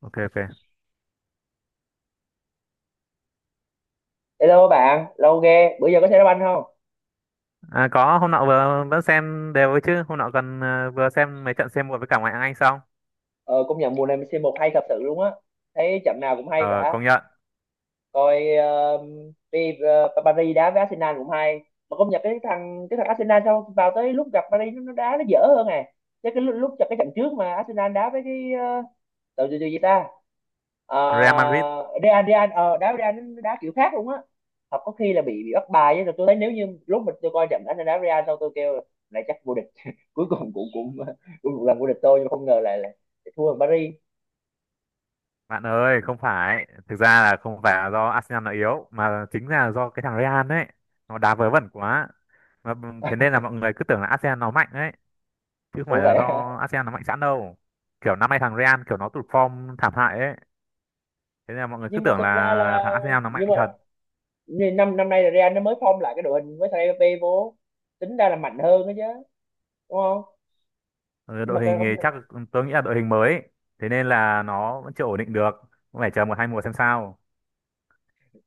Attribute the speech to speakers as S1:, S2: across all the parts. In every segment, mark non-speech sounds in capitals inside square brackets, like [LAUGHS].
S1: Ok, ok.
S2: Hello bạn, lâu ghê, bữa giờ có xem đá banh không?
S1: À, có hôm nọ vừa vẫn xem đều ấy chứ hôm nọ còn vừa xem mấy trận C1 với cả ngoại hạng Anh xong.
S2: Ờ, công nhận mùa này c một hay thật sự luôn á, thấy trận nào cũng hay
S1: Ờ
S2: cả.
S1: công nhận.
S2: Coi đi Paris đá với Arsenal cũng hay, mà công nhận cái thằng Arsenal sau vào tới lúc gặp Paris nó đá nó dở hơn à, chứ cái lúc cho cái trận trước mà Arsenal đá với cái đội gì gì ta,
S1: Real Madrid.
S2: Real Real ờ, đá với Real nó đá kiểu khác luôn á. Hoặc có khi là bị bắt bài á. Rồi tôi thấy nếu như lúc mình tôi coi trận Arsenal đá Real, sau tôi kêu lại chắc vô địch [LAUGHS] cuối cùng cũng cũng cũng một lần vô địch tôi, nhưng mà không ngờ lại là, thua ở Paris.
S1: Bạn ơi không phải, thực ra là không phải là do Arsenal nó yếu mà chính là do cái thằng Real đấy, nó đá vớ vẩn quá. Thế nên là mọi người cứ tưởng là Arsenal nó mạnh đấy, chứ không phải
S2: Ủa
S1: là
S2: vậy à?
S1: do Arsenal nó mạnh sẵn đâu. Kiểu năm nay thằng Real kiểu nó tụt form thảm hại ấy, thế nên là mọi người cứ
S2: Nhưng mà
S1: tưởng
S2: thực ra
S1: là
S2: là,
S1: thằng Arsenal nó
S2: nhưng
S1: mạnh
S2: mà
S1: thật.
S2: nên năm năm nay là Real nó mới form lại cái đội hình với thằng Mbappé vô, tính ra là mạnh hơn đó chứ, đúng không?
S1: Ừ,
S2: Nhưng mà
S1: đội
S2: cái
S1: hình
S2: không,
S1: thì chắc tôi nghĩ là đội hình mới ấy. Thế nên là nó vẫn chưa ổn định được, cũng phải chờ một hai mùa xem sao.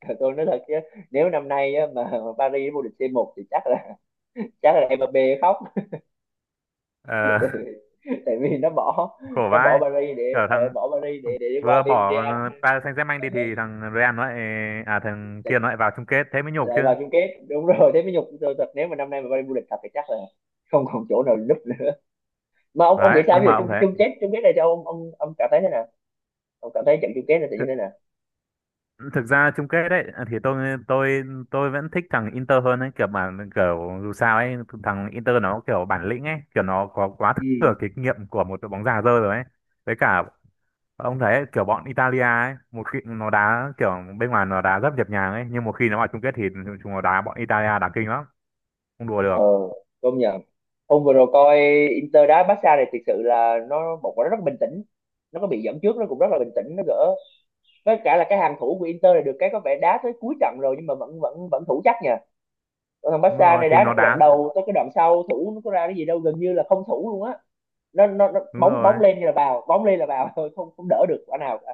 S2: thật tôi nói thật chứ, nếu năm nay á, mà Paris vô địch C1 thì chắc là, chắc là Mbappé khóc.
S1: Ờ,
S2: [LAUGHS] Tại vì nó bỏ,
S1: [LAUGHS] khổ
S2: nó bỏ
S1: vãi.
S2: Paris để,
S1: Kiểu thằng
S2: bỏ Paris để đi qua
S1: vừa
S2: bên
S1: bỏ
S2: Real.
S1: Paris Saint-Germain
S2: ờ,
S1: đi thì thằng Real nó lại, à thằng
S2: Lại,
S1: kia nó lại vào chung kết, thế mới nhục
S2: lại
S1: chứ.
S2: vào chung kết đúng rồi, thế mới nhục tôi thật, nếu mà năm nay mà Paris vô địch thật thì chắc là không còn chỗ nào núp nữa. Mà ông nghĩ
S1: Đấy
S2: sao
S1: nhưng
S2: bây giờ,
S1: mà ông
S2: chung
S1: thấy
S2: chung kết này cho ông cảm thấy thế nào, ông cảm thấy trận chung kết này sẽ như
S1: thực,
S2: thế nào?
S1: thực ra chung kết đấy thì tôi tôi vẫn thích thằng Inter hơn ấy, kiểu mà kiểu dù sao ấy thằng Inter nó kiểu bản lĩnh ấy, kiểu nó có quá
S2: Ừ.
S1: thừa kinh nghiệm của một đội bóng già dơ rồi ấy. Với cả ông thấy kiểu bọn Italia ấy, một khi nó đá kiểu bên ngoài nó đá rất nhịp nhàng ấy, nhưng một khi nó vào chung kết thì chúng nó đá, bọn Italia đá kinh lắm, không đùa
S2: Ờ
S1: được.
S2: công nhận. Hôm vừa rồi coi Inter đá Barca này, thực sự là nó một quả nó rất bình tĩnh, nó có bị dẫn trước nó cũng rất là bình tĩnh nó gỡ, với cả là cái hàng thủ của Inter này được cái có vẻ đá tới cuối trận rồi nhưng mà vẫn vẫn vẫn thủ chắc nha. Còn thằng
S1: Đúng
S2: Barca
S1: rồi
S2: này
S1: thì
S2: đá nó
S1: nó
S2: cái đoạn
S1: đá.
S2: đầu tới cái đoạn sau thủ nó có ra cái gì đâu, gần như là không thủ luôn á. Nó
S1: Đúng
S2: bóng bóng
S1: rồi,
S2: lên như là vào, bóng lên là vào [LAUGHS] thôi không không đỡ được quả nào cả.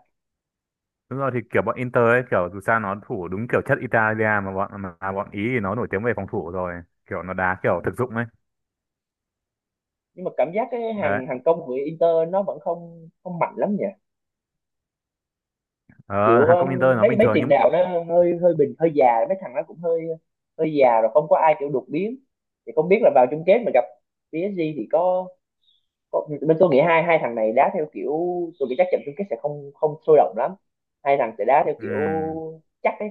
S1: đúng rồi, thì kiểu bọn Inter ấy kiểu dù sao nó thủ đúng kiểu chất Italia, mà bọn Ý thì nó nổi tiếng về phòng thủ rồi, kiểu nó đá
S2: Ừ.
S1: kiểu thực dụng ấy.
S2: Nhưng mà cảm giác cái
S1: Đấy,
S2: hàng hàng công của Inter nó vẫn không không mạnh lắm nhỉ,
S1: ờ,
S2: kiểu
S1: hàng công Inter nó
S2: mấy
S1: bình
S2: mấy
S1: thường
S2: tiền
S1: nhưng mà-
S2: đạo nó hơi hơi bình hơi già, mấy thằng nó cũng hơi, hơi già rồi không có ai kiểu đột biến. Thì không biết là vào chung kết mà gặp PSG thì có bên tôi nghĩ hai hai thằng này đá theo kiểu, tôi nghĩ chắc trận chung kết sẽ không không sôi động lắm, hai thằng sẽ đá theo kiểu
S1: ừm,
S2: chắc ấy.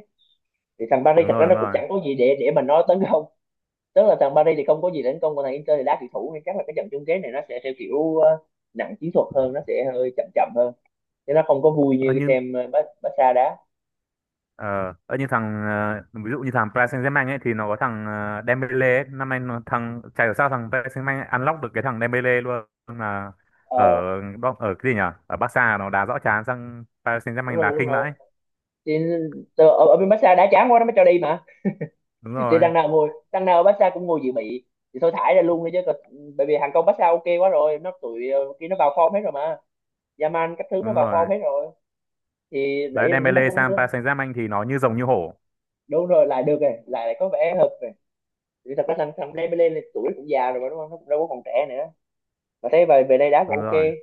S2: Thì thằng Paris
S1: đúng
S2: thật ra
S1: rồi, đúng
S2: nó cũng
S1: rồi.
S2: chẳng có gì để mà nó tấn công, tức là thằng Paris thì không có gì để tấn công, còn thằng Inter thì đá kiểu thủ, nên chắc là cái trận chung kết này nó sẽ theo kiểu nặng chiến thuật hơn, nó sẽ hơi chậm chậm hơn, chứ nó không có vui như
S1: Ờ,
S2: cái
S1: nhưng
S2: xem Barca đá.
S1: ờ, ờ, như thằng ví dụ như thằng Paris Saint-Germain ấy thì nó có thằng Dembele ấy. Năm nay nó thằng chả hiểu sao thằng Paris Saint-Germain unlock được cái thằng Dembele luôn là
S2: Ờ,
S1: ở ở cái gì nhỉ? Ở Barca nó đá rõ chán, sang Paris
S2: đúng
S1: Saint-Germain đá
S2: rồi đúng
S1: khinh
S2: rồi.
S1: vãi.
S2: Thì ở, ở bên massage đã chán quá nó mới cho đi mà,
S1: Đúng
S2: thì
S1: rồi,
S2: đằng nào ngồi, đằng nào ở massage cũng ngồi dự bị thì thôi thải ra luôn đi chứ còn- bởi vì hàng công massage ok quá rồi, nó tụi kia nó vào form hết rồi mà, Yaman các thứ nó
S1: đúng
S2: vào form
S1: rồi.
S2: hết rồi. Thì
S1: Đấy
S2: đấy nhưng mà
S1: Dembele
S2: không
S1: sang Paris
S2: đúng,
S1: Saint-Germain thì nó như rồng như hổ.
S2: đúng rồi lại được rồi, lại, lại có vẻ hợp rồi. Thì thật ra thằng thằng Dembele lên tuổi cũng già rồi mà đúng không, nó cũng đâu có còn trẻ nữa, mà thấy về về đây đá cũng
S1: Đúng rồi.
S2: ok,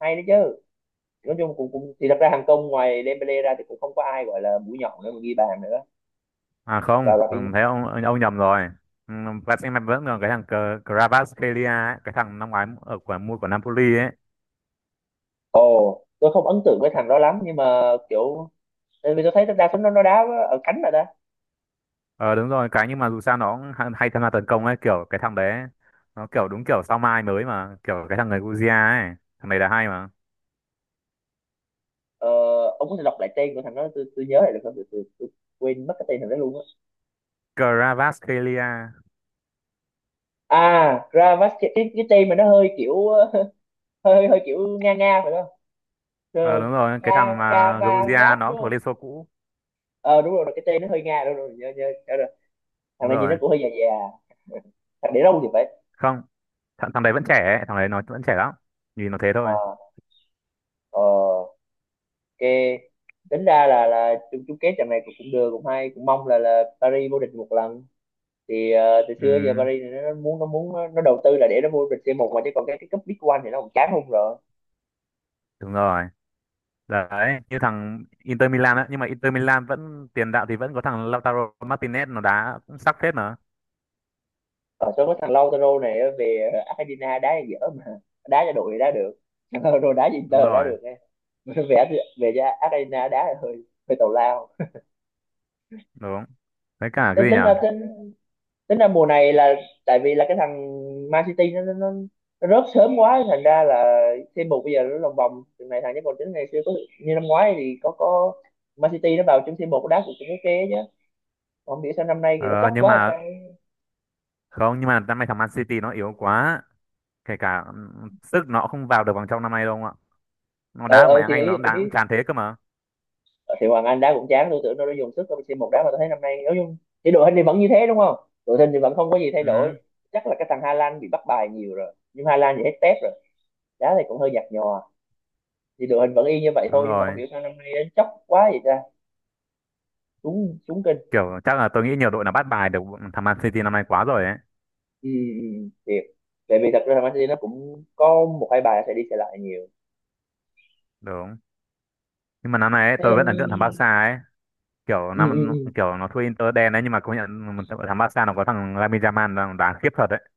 S2: hay đấy chứ. Nói chung cũng cũng, thì thật ra hàng công ngoài Dembele ra thì cũng không có ai gọi là mũi nhọn nữa mà ghi bàn nữa,
S1: À
S2: và
S1: không,
S2: Robinho.
S1: thấy ông nhầm rồi. Ừ, Paris Saint-Germain vẫn còn cái thằng Kvaratskhelia ấy, cái thằng năm ngoái ở của mua của Napoli ấy.
S2: Ồ, tôi không ấn tượng với thằng đó lắm nhưng mà kiểu, tại vì tôi thấy đa số nó đá ở cánh rồi đó.
S1: Ờ đúng rồi, cái nhưng mà dù sao nó cũng hay, hay tham gia tấn công ấy, kiểu cái thằng đấy ấy, nó kiểu đúng kiểu sao mai mới mà, kiểu cái thằng người Georgia ấy, thằng này là hay mà.
S2: Ờ, ông có thể đọc lại tên của thằng đó tôi nhớ lại được không? Tôi quên mất cái tên thằng đó luôn á.
S1: Kvaratskhelia.
S2: À, Gravas, cái tên mà nó hơi kiểu [LAUGHS] hơi hơi, kiểu nga nga phải không? Ờ,
S1: Ờ đúng rồi,
S2: Ka,
S1: cái thằng mà Georgia
S2: Kavarat
S1: nó cũng
S2: đúng
S1: thuộc Liên
S2: không?
S1: Xô cũ.
S2: Ờ đúng rồi, cái tên nó hơi nga, đúng rồi, nhớ nhớ nhớ rồi. Thằng
S1: Đúng
S2: này
S1: rồi.
S2: nhìn nó cũng hơi già già, thằng để đâu thì phải.
S1: Không, thằng đấy vẫn trẻ ấy, thằng đấy nó vẫn trẻ lắm. Nhìn nó thế
S2: Ờ
S1: thôi.
S2: ờ ok. Tính ra là chung chung kết trận này cũng cũng được cũng hay, cũng mong là Paris vô địch một lần. Thì từ xưa giờ
S1: Ừ,
S2: Paris thì nó muốn nó, đầu tư là để nó vô địch C1 mà, chứ còn cái cúp Big One thì nó cũng chán không rồi.
S1: đúng rồi. Đấy, như thằng Inter Milan á, nhưng mà Inter Milan vẫn tiền đạo thì vẫn có thằng Lautaro Martinez nó đá cũng sắc phết mà.
S2: Ở số có thằng Lautaro này á, về Argentina đá thì dở, mà đá cho đội thì đá được, thằng Lautaro đá cho Inter
S1: Đúng
S2: thì đá
S1: rồi,
S2: được nghe. [LAUGHS] Về, về cho Argentina đá thì hơi, hơi tào lao.
S1: đúng. Với cả
S2: tính
S1: cái gì nhỉ?
S2: tính ra tính tính ra mùa này là, tại vì là cái thằng Man City nó, nó rớt sớm quá thành ra là c một bây giờ nó lòng vòng từ này thằng, chứ còn tính ngày xưa có, như năm ngoái thì có Man City nó vào chung c một đá cũng cũng ok chứ, không biết sao năm nay thì nó
S1: Ờ,
S2: chóc
S1: nhưng
S2: quá hay
S1: mà
S2: sao.
S1: không, nhưng mà năm nay thằng Man City nó yếu quá. Kể cả sức nó không vào được vòng trong năm nay đâu ông ạ. Nó
S2: Ờ
S1: đá ở ngoại
S2: ờ
S1: hạng
S2: thì
S1: Anh nó
S2: ý
S1: cũng
S2: tôi
S1: đá cũng
S2: biết.
S1: tràn thế cơ mà.
S2: Ờ, thì Hoàng Anh đá cũng chán, tôi tưởng nó đã dùng sức rồi một đá, mà tôi thấy năm nay nói chung thì đội hình thì vẫn như thế đúng không, đội hình thì vẫn không có gì thay
S1: Ừ,
S2: đổi. Chắc là cái thằng Hà Lan bị bắt bài nhiều rồi, nhưng Hà Lan thì hết tép rồi, đá thì cũng hơi nhạt nhòa, thì đội hình vẫn y như vậy
S1: đúng
S2: thôi, nhưng mà
S1: rồi.
S2: không hiểu sao năm nay nó chóc quá vậy ta, xuống xuống kinh.
S1: Kiểu chắc là tôi nghĩ nhiều đội nó bắt bài được thằng Man City năm nay quá rồi ấy.
S2: Ừ, ừ, ừ, thiệt. Tại vì thật ra là Man City nó cũng có một hai bài sẽ đi sẽ lại nhiều,
S1: Đúng. Nhưng mà năm nay ấy,
S2: thế
S1: tôi vẫn
S2: nên,
S1: ấn tượng thằng Barca ấy. Kiểu
S2: ừ, ừ,
S1: năm
S2: ừ.
S1: kiểu nó thua Inter đen đấy, nhưng mà công nhận một thằng Barca nó có thằng Lamine Yamal nó đá khiếp thật đấy.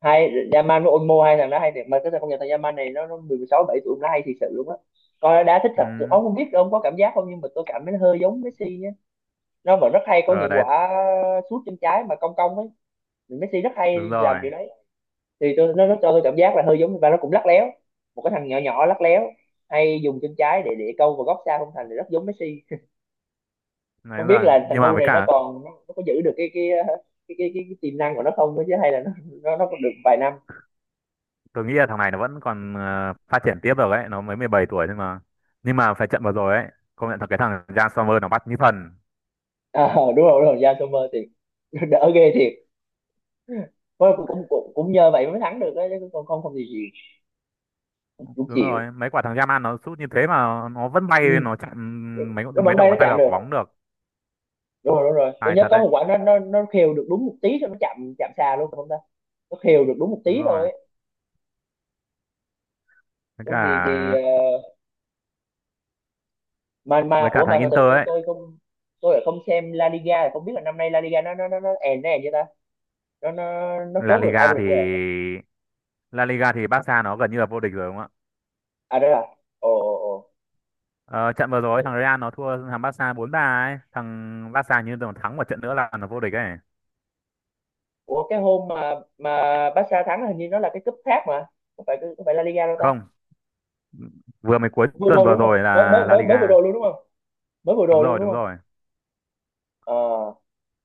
S2: Hay, Yaman với Olmo hai thằng đó hay thiệt, mà cái thằng công nhận thằng Yaman này nó 16 7 tuổi nó hay thiệt sự luôn á, coi nó đá thích thật.
S1: Ừ.
S2: Ông không biết ông có cảm giác không, nhưng mà tôi cảm thấy nó hơi giống Messi nhé, nó mà rất hay có
S1: Ờ
S2: những
S1: đấy,
S2: quả sút chân trái mà cong cong ấy, Messi rất
S1: đúng
S2: hay làm
S1: rồi.
S2: kiểu đấy. Thì tôi nó cho tôi cảm giác là hơi giống, và nó cũng lắc léo, một cái thằng nhỏ nhỏ lắc léo, hay dùng chân trái để câu vào góc xa không thành, thì rất giống Messi.
S1: Đấy
S2: Không biết
S1: rồi.
S2: là thằng
S1: Nhưng mà
S2: cu
S1: với
S2: này nó
S1: cả
S2: còn nó, nó có giữ được cái tiềm năng của nó không nữa, chứ hay là nó còn được vài năm.
S1: tôi nghĩ là thằng này nó vẫn còn phát triển tiếp được ấy, nó mới 17 tuổi, nhưng mà phải trận vừa rồi ấy công nhận thật cái thằng Jan Sommer nó bắt như thần.
S2: À, đúng rồi đúng rồi, Jan Sommer thì [LAUGHS] đỡ ghê thiệt. Thôi cũng cũng cũng nhờ vậy mới thắng được đấy chứ, còn không không thì gì cũng
S1: Đúng
S2: chịu.
S1: rồi, mấy quả thằng Yaman nó sút như thế mà nó vẫn
S2: Ừ.
S1: bay nó chặn mấy
S2: Nó
S1: mấy
S2: bắn
S1: đầu
S2: bay nó
S1: ngón tay
S2: chạm
S1: vào
S2: được,
S1: quả bóng được.
S2: đúng rồi tôi
S1: Tài
S2: nhớ
S1: thật
S2: có
S1: đấy.
S2: một quả nó khều được đúng một tí thôi, nó chạm chạm xa luôn không ta, nó khều được đúng một
S1: Đúng
S2: tí
S1: rồi
S2: thôi ấy.
S1: với
S2: Không
S1: cả,
S2: thì mà
S1: với cả
S2: ủa
S1: thằng
S2: mà từ từ
S1: Inter ấy.
S2: tôi lại không xem La Liga, là không biết là năm nay La Liga nó èn èn như ta, nó
S1: La
S2: chốt được ai
S1: Liga
S2: vô địch vậy?
S1: thì, La Liga thì Barca nó gần như là vô địch rồi đúng không ạ.
S2: À đó là ồ ồ ồ.
S1: Ờ, trận vừa rồi thằng Real nó thua thằng Barca bốn ba ấy, thằng Barca như còn thắng một trận nữa là nó vô địch ấy.
S2: Ủa cái hôm mà Barca thắng là hình như nó là cái cúp khác mà, không phải La Liga đâu ta.
S1: Không, vừa mới cuối
S2: Vừa
S1: tuần
S2: rồi
S1: vừa
S2: đúng không,
S1: rồi
S2: mới mới
S1: là La
S2: mới mới vừa
S1: Liga.
S2: rồi luôn đúng không? Mới vừa
S1: Đúng
S2: rồi luôn
S1: rồi
S2: đúng
S1: đúng
S2: không?
S1: rồi.
S2: Ờ,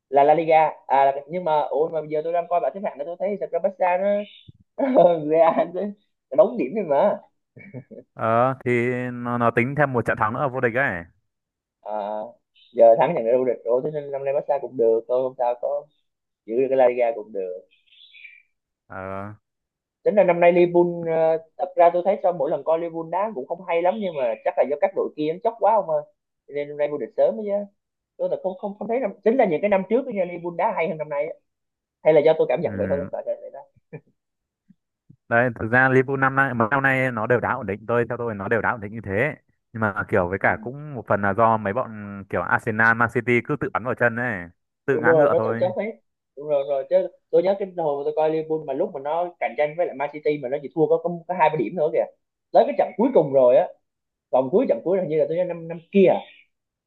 S2: là La Liga à, nhưng mà ủa mà giờ tôi đang coi bảng xếp hạng đó, tôi thấy thật ra Barca nó [LAUGHS] nó hơn Real, nó đóng điểm thôi mà.
S1: Ờ thì nó tính thêm một trận thắng nữa ở vô địch ấy.
S2: À, giờ thắng nhận được vô địch rồi, thế nên năm nay Barca cũng được thôi, không sao, có giữ được cái La Liga cũng được.
S1: Ờ,
S2: Tính là năm nay Liverpool, thật ra tôi thấy sau mỗi lần coi Liverpool đá cũng không hay lắm, nhưng mà chắc là do các đội kia nó chóc quá không ơi, cho nên năm nay vô địch sớm ấy chứ. Tôi là không không không thấy năm, chính là những cái năm trước đó nha, Liverpool đá hay hơn năm nay á. Hay là do tôi cảm nhận vậy thôi,
S1: ừm.
S2: sợ là vậy đó.
S1: Đấy thực ra Liverpool năm nay, mấy năm nay nó đều đá ổn định, tôi theo tôi nó đều đá ổn định như thế, nhưng mà kiểu với cả
S2: Ừ.
S1: cũng một phần là do mấy bọn kiểu Arsenal, Man City cứ tự bắn vào chân ấy, tự
S2: Đúng
S1: ngã
S2: rồi,
S1: ngựa
S2: nó cạnh tranh
S1: thôi.
S2: hết. Đúng rồi rồi chứ, tôi nhớ cái hồi mà tôi coi Liverpool mà lúc mà nó cạnh tranh với lại Man City mà nó chỉ thua có hai ba điểm nữa kìa, tới cái trận cuối cùng rồi á. Vòng cuối trận cuối là hình như là tôi nhớ năm năm kia à?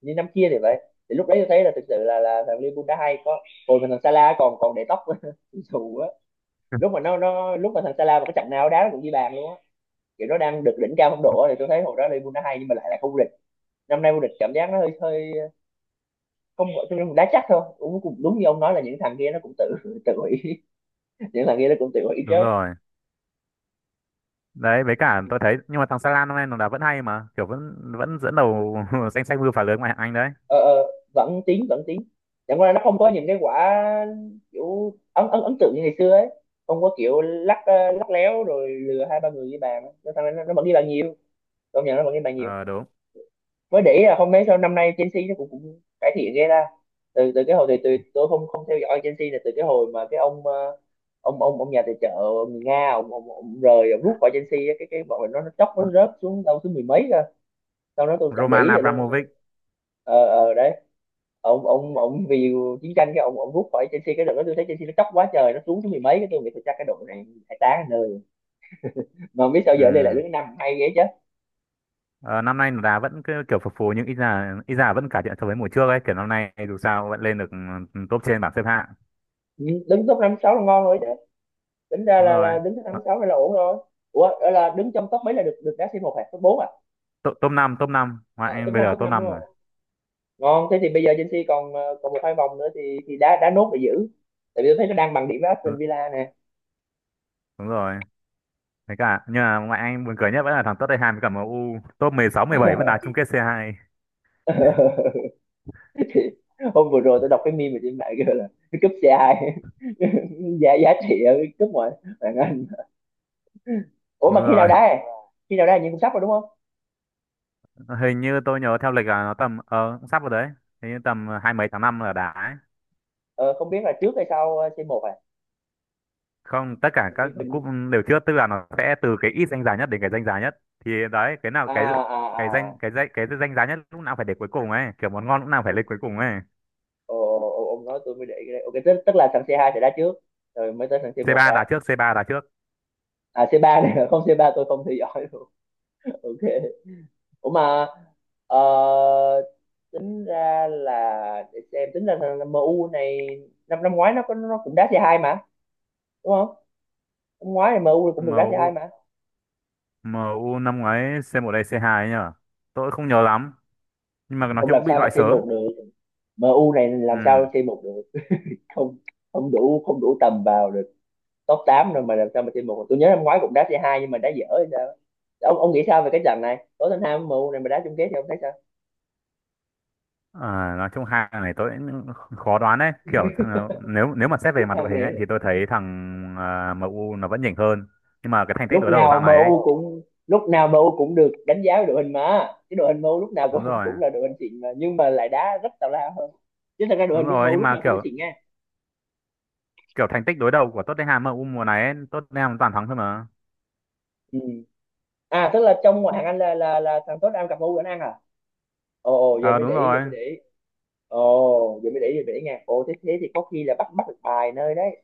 S2: Hình như năm kia thì vậy. Thì lúc đấy tôi thấy là thực sự là thằng Liverpool đã hay, có hồi mà thằng Salah còn còn để tóc [LAUGHS] dù á.
S1: [LAUGHS]
S2: Lúc mà thằng Salah mà cái trận nào đá nó cũng ghi bàn luôn á, kiểu nó đang được đỉnh cao phong độ á, thì tôi thấy hồi đó Liverpool đã hay nhưng mà lại là không vô địch. Năm nay vô địch cảm giác nó hơi hơi công nghệ, tôi cũng đá chắc thôi, cũng cũng đúng như ông nói là những thằng kia nó cũng tự tự hủy [LAUGHS] những thằng kia nó cũng tự hủy chứ.
S1: Đúng rồi. Đấy với cả tôi thấy nhưng mà thằng Salah năm nay nó đá vẫn hay mà, kiểu vẫn vẫn dẫn đầu [LAUGHS] danh sách mưu phá lưới ngoại hạng Anh đấy.
S2: Ờ, Vẫn tiến vẫn tiến, chẳng qua là nó không có những cái quả kiểu ấn ấn ấn tượng như ngày xưa ấy. Không có kiểu lắc léo rồi lừa hai ba người với bàn á. Nó thằng này nó vẫn ghi bàn nhiều, công nhận nó vẫn ghi bàn nhiều.
S1: Ờ đúng.
S2: Mới để ý là không mấy sau năm nay Chelsea nó cũng cải thiện ghê ra. Từ từ cái hồi thì từ tôi không không theo dõi Chelsea là từ cái hồi mà cái ông ông nhà tài trợ người Nga, ông rút khỏi Chelsea á, cái bọn mình nó chốc nó rớt xuống đâu thứ mười mấy cơ, sau đó tôi chẳng để
S1: Roman
S2: ý rồi luôn.
S1: Abramovich.
S2: Ờ ờ đấy, ông vì chiến tranh cái ông rút khỏi Chelsea. Cái đợt đó tôi thấy Chelsea nó chóc quá trời, nó xuống thứ mười mấy, cái tôi nghĩ tôi chắc cái đội này phải tá nơi, mà không biết sao giờ đây lại
S1: Ừ.
S2: đứng năm hay vậy chứ.
S1: Ờ, năm nay đá vẫn cứ kiểu phập phù nhưng ít ra vẫn cải thiện so với mùa trước ấy, kiểu năm nay dù sao vẫn lên được ừ, top trên bảng xếp hạng.
S2: Ừ, đứng top năm sáu là ngon rồi chứ, tính ra
S1: Đúng
S2: là
S1: rồi.
S2: là đứng thứ năm
S1: Nó-
S2: sáu hay là ổn rồi. Ủa là đứng trong top mấy là được được đá C một hả, top 4 à?
S1: top top năm, top năm ngoại
S2: À
S1: anh bây giờ,
S2: top
S1: top
S2: 5 đúng
S1: năm
S2: rồi,
S1: rồi.
S2: ngon. Thế thì bây giờ Chelsea còn còn một hai vòng nữa, thì đá đá nốt để giữ, tại vì tôi thấy nó đang bằng điểm với Aston Villa nè.
S1: Đúng rồi thế cả, nhưng mà ngoại anh buồn cười nhất vẫn là thằng Tottenham với cả MU top 16 17 vẫn đá chung kết c hai.
S2: [LAUGHS] Thì hôm vừa rồi tôi đọc cái meme mà trên mạng kêu là cái cúp C2 [LAUGHS] giá giá trị ở cái cúp ngoại bạn Anh. Ủa
S1: Đúng
S2: mà khi
S1: rồi,
S2: nào đá à? Khi nào đá như cũng sắp rồi đúng không?
S1: hình như tôi nhớ theo lịch là nó tầm ờ cũng sắp rồi đấy, hình như tầm hai mấy tháng năm là đá ấy.
S2: Ờ, Không biết là trước hay sau một 1 à.
S1: Không, tất cả
S2: Hình như
S1: các cúp
S2: hình
S1: đều chưa, tức là nó sẽ từ cái ít danh giá nhất đến cái danh giá nhất, thì đấy cái nào
S2: à
S1: cái cái danh
S2: à
S1: cái danh cái danh giá nhất lúc nào phải để cuối cùng ấy, kiểu món ngon lúc nào
S2: à.
S1: phải lên cuối cùng ấy.
S2: Ồ, ồ, ồ, ông nói tôi mới để ý cái đấy. Ok, tức là thằng C2 sẽ đá trước, rồi mới tới thằng
S1: c
S2: C1
S1: ba đá
S2: đá.
S1: trước c ba đá trước
S2: À, C3 này, [LAUGHS] không C3 tôi không theo dõi luôn. [LAUGHS] Ok. Ủa mà, ờ, tính ra là, để xem, tính ra thằng MU này, năm năm ngoái nó cũng đá C2 mà, đúng không? Năm ngoái thì MU cũng
S1: Em
S2: được đá C2
S1: u
S2: mà.
S1: MU u năm ngoái c một đây c hai ấy nhở, tôi không nhớ lắm, nhưng mà nói
S2: Không
S1: chung
S2: làm
S1: cũng bị
S2: sao mà
S1: loại sớm.
S2: C1 được, MU này
S1: Ừ.
S2: làm sao C1 được. Không, không đủ, không đủ tầm vào được. Top 8 rồi mà làm sao mà chơi một? Tôi nhớ năm ngoái cũng đá C2 nhưng mà đá dở hay sao. Ông nghĩ sao về cái trận này, Tottenham MU này mà đá chung kết thì ông thấy sao?
S1: À, nói chung hai thằng này tôi cũng khó đoán đấy, kiểu thằng- nếu nếu mà xét về mặt đội hình ấy thì tôi thấy thằng à, em u nó vẫn nhỉnh hơn, nhưng mà cái thành tích đối đầu
S2: lúc
S1: dạo
S2: nào
S1: này ấy
S2: MU cũng Lúc nào MU cũng được đánh giá về đội hình, mà cái đội hình MU lúc nào
S1: đúng
S2: cũng
S1: rồi
S2: cũng là đội hình xịn mà nhưng mà lại đá rất tào lao hơn. Chứ thật ra đội
S1: đúng
S2: hình lúc
S1: rồi.
S2: MU
S1: Nhưng
S2: lúc
S1: mà
S2: nào cũng là
S1: kiểu,
S2: xịn nha.
S1: kiểu thành tích đối đầu của Tottenham ở U mùa này ấy, Tottenham toàn thắng thôi mà.
S2: Ừ. À tức là trong ngoại hạng Anh là thằng Tottenham gặp MU đánh ăn à? Ồ ồ, giờ
S1: Ờ
S2: mới
S1: đúng
S2: để ý giờ
S1: rồi.
S2: mới để ý. Ồ giờ mới để ý giờ mới để ý nha, ồ thế thế thì có khi là bắt bắt được bài nơi đấy,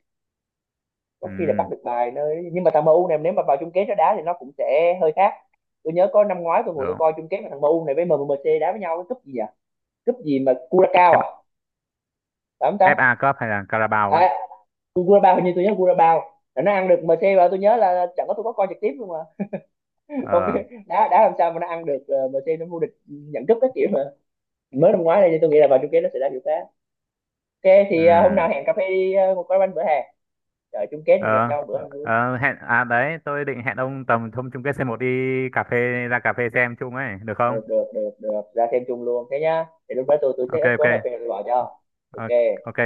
S2: có khi là
S1: Ừ
S2: bắt được bài nơi. Nhưng mà thằng MU này nếu mà vào chung kết nó đá thì nó cũng sẽ hơi khác. Tôi nhớ có năm ngoái tôi ngồi tôi
S1: được.
S2: coi chung kết mà thằng MU này với MMC đá với nhau cái cúp gì à, cúp gì mà Curacao à
S1: F-
S2: phải không ta?
S1: FA Cup hay là Carabao ấy.
S2: À Curacao, hình như tôi nhớ Curacao là nó ăn được MC, và tôi nhớ là chẳng có, tôi có coi trực tiếp luôn mà [LAUGHS] không
S1: Ờ,
S2: biết đá đá làm sao mà nó ăn được, MC nó vô địch nhận cúp các kiểu mà. Mới năm ngoái này thì tôi nghĩ là vào chung kết nó sẽ đá kiểu khác. Ok thì hôm
S1: ừ,
S2: nào hẹn cà phê đi, một quán bánh bữa hè, trời chung kết mình gặp
S1: ờ.
S2: nhau bữa ăn.
S1: Ờ, hẹn à, đấy tôi định hẹn ông tầm thông chung kết C1 đi cà phê, ra cà phê xem chung ấy được không?
S2: Được được được được ra thêm chung luôn thế nhá, để lúc đó tôi
S1: Ok,
S2: check up
S1: ok.
S2: có hợp đồng rồi tôi bảo cho.
S1: Ờ,
S2: Ok.
S1: ok.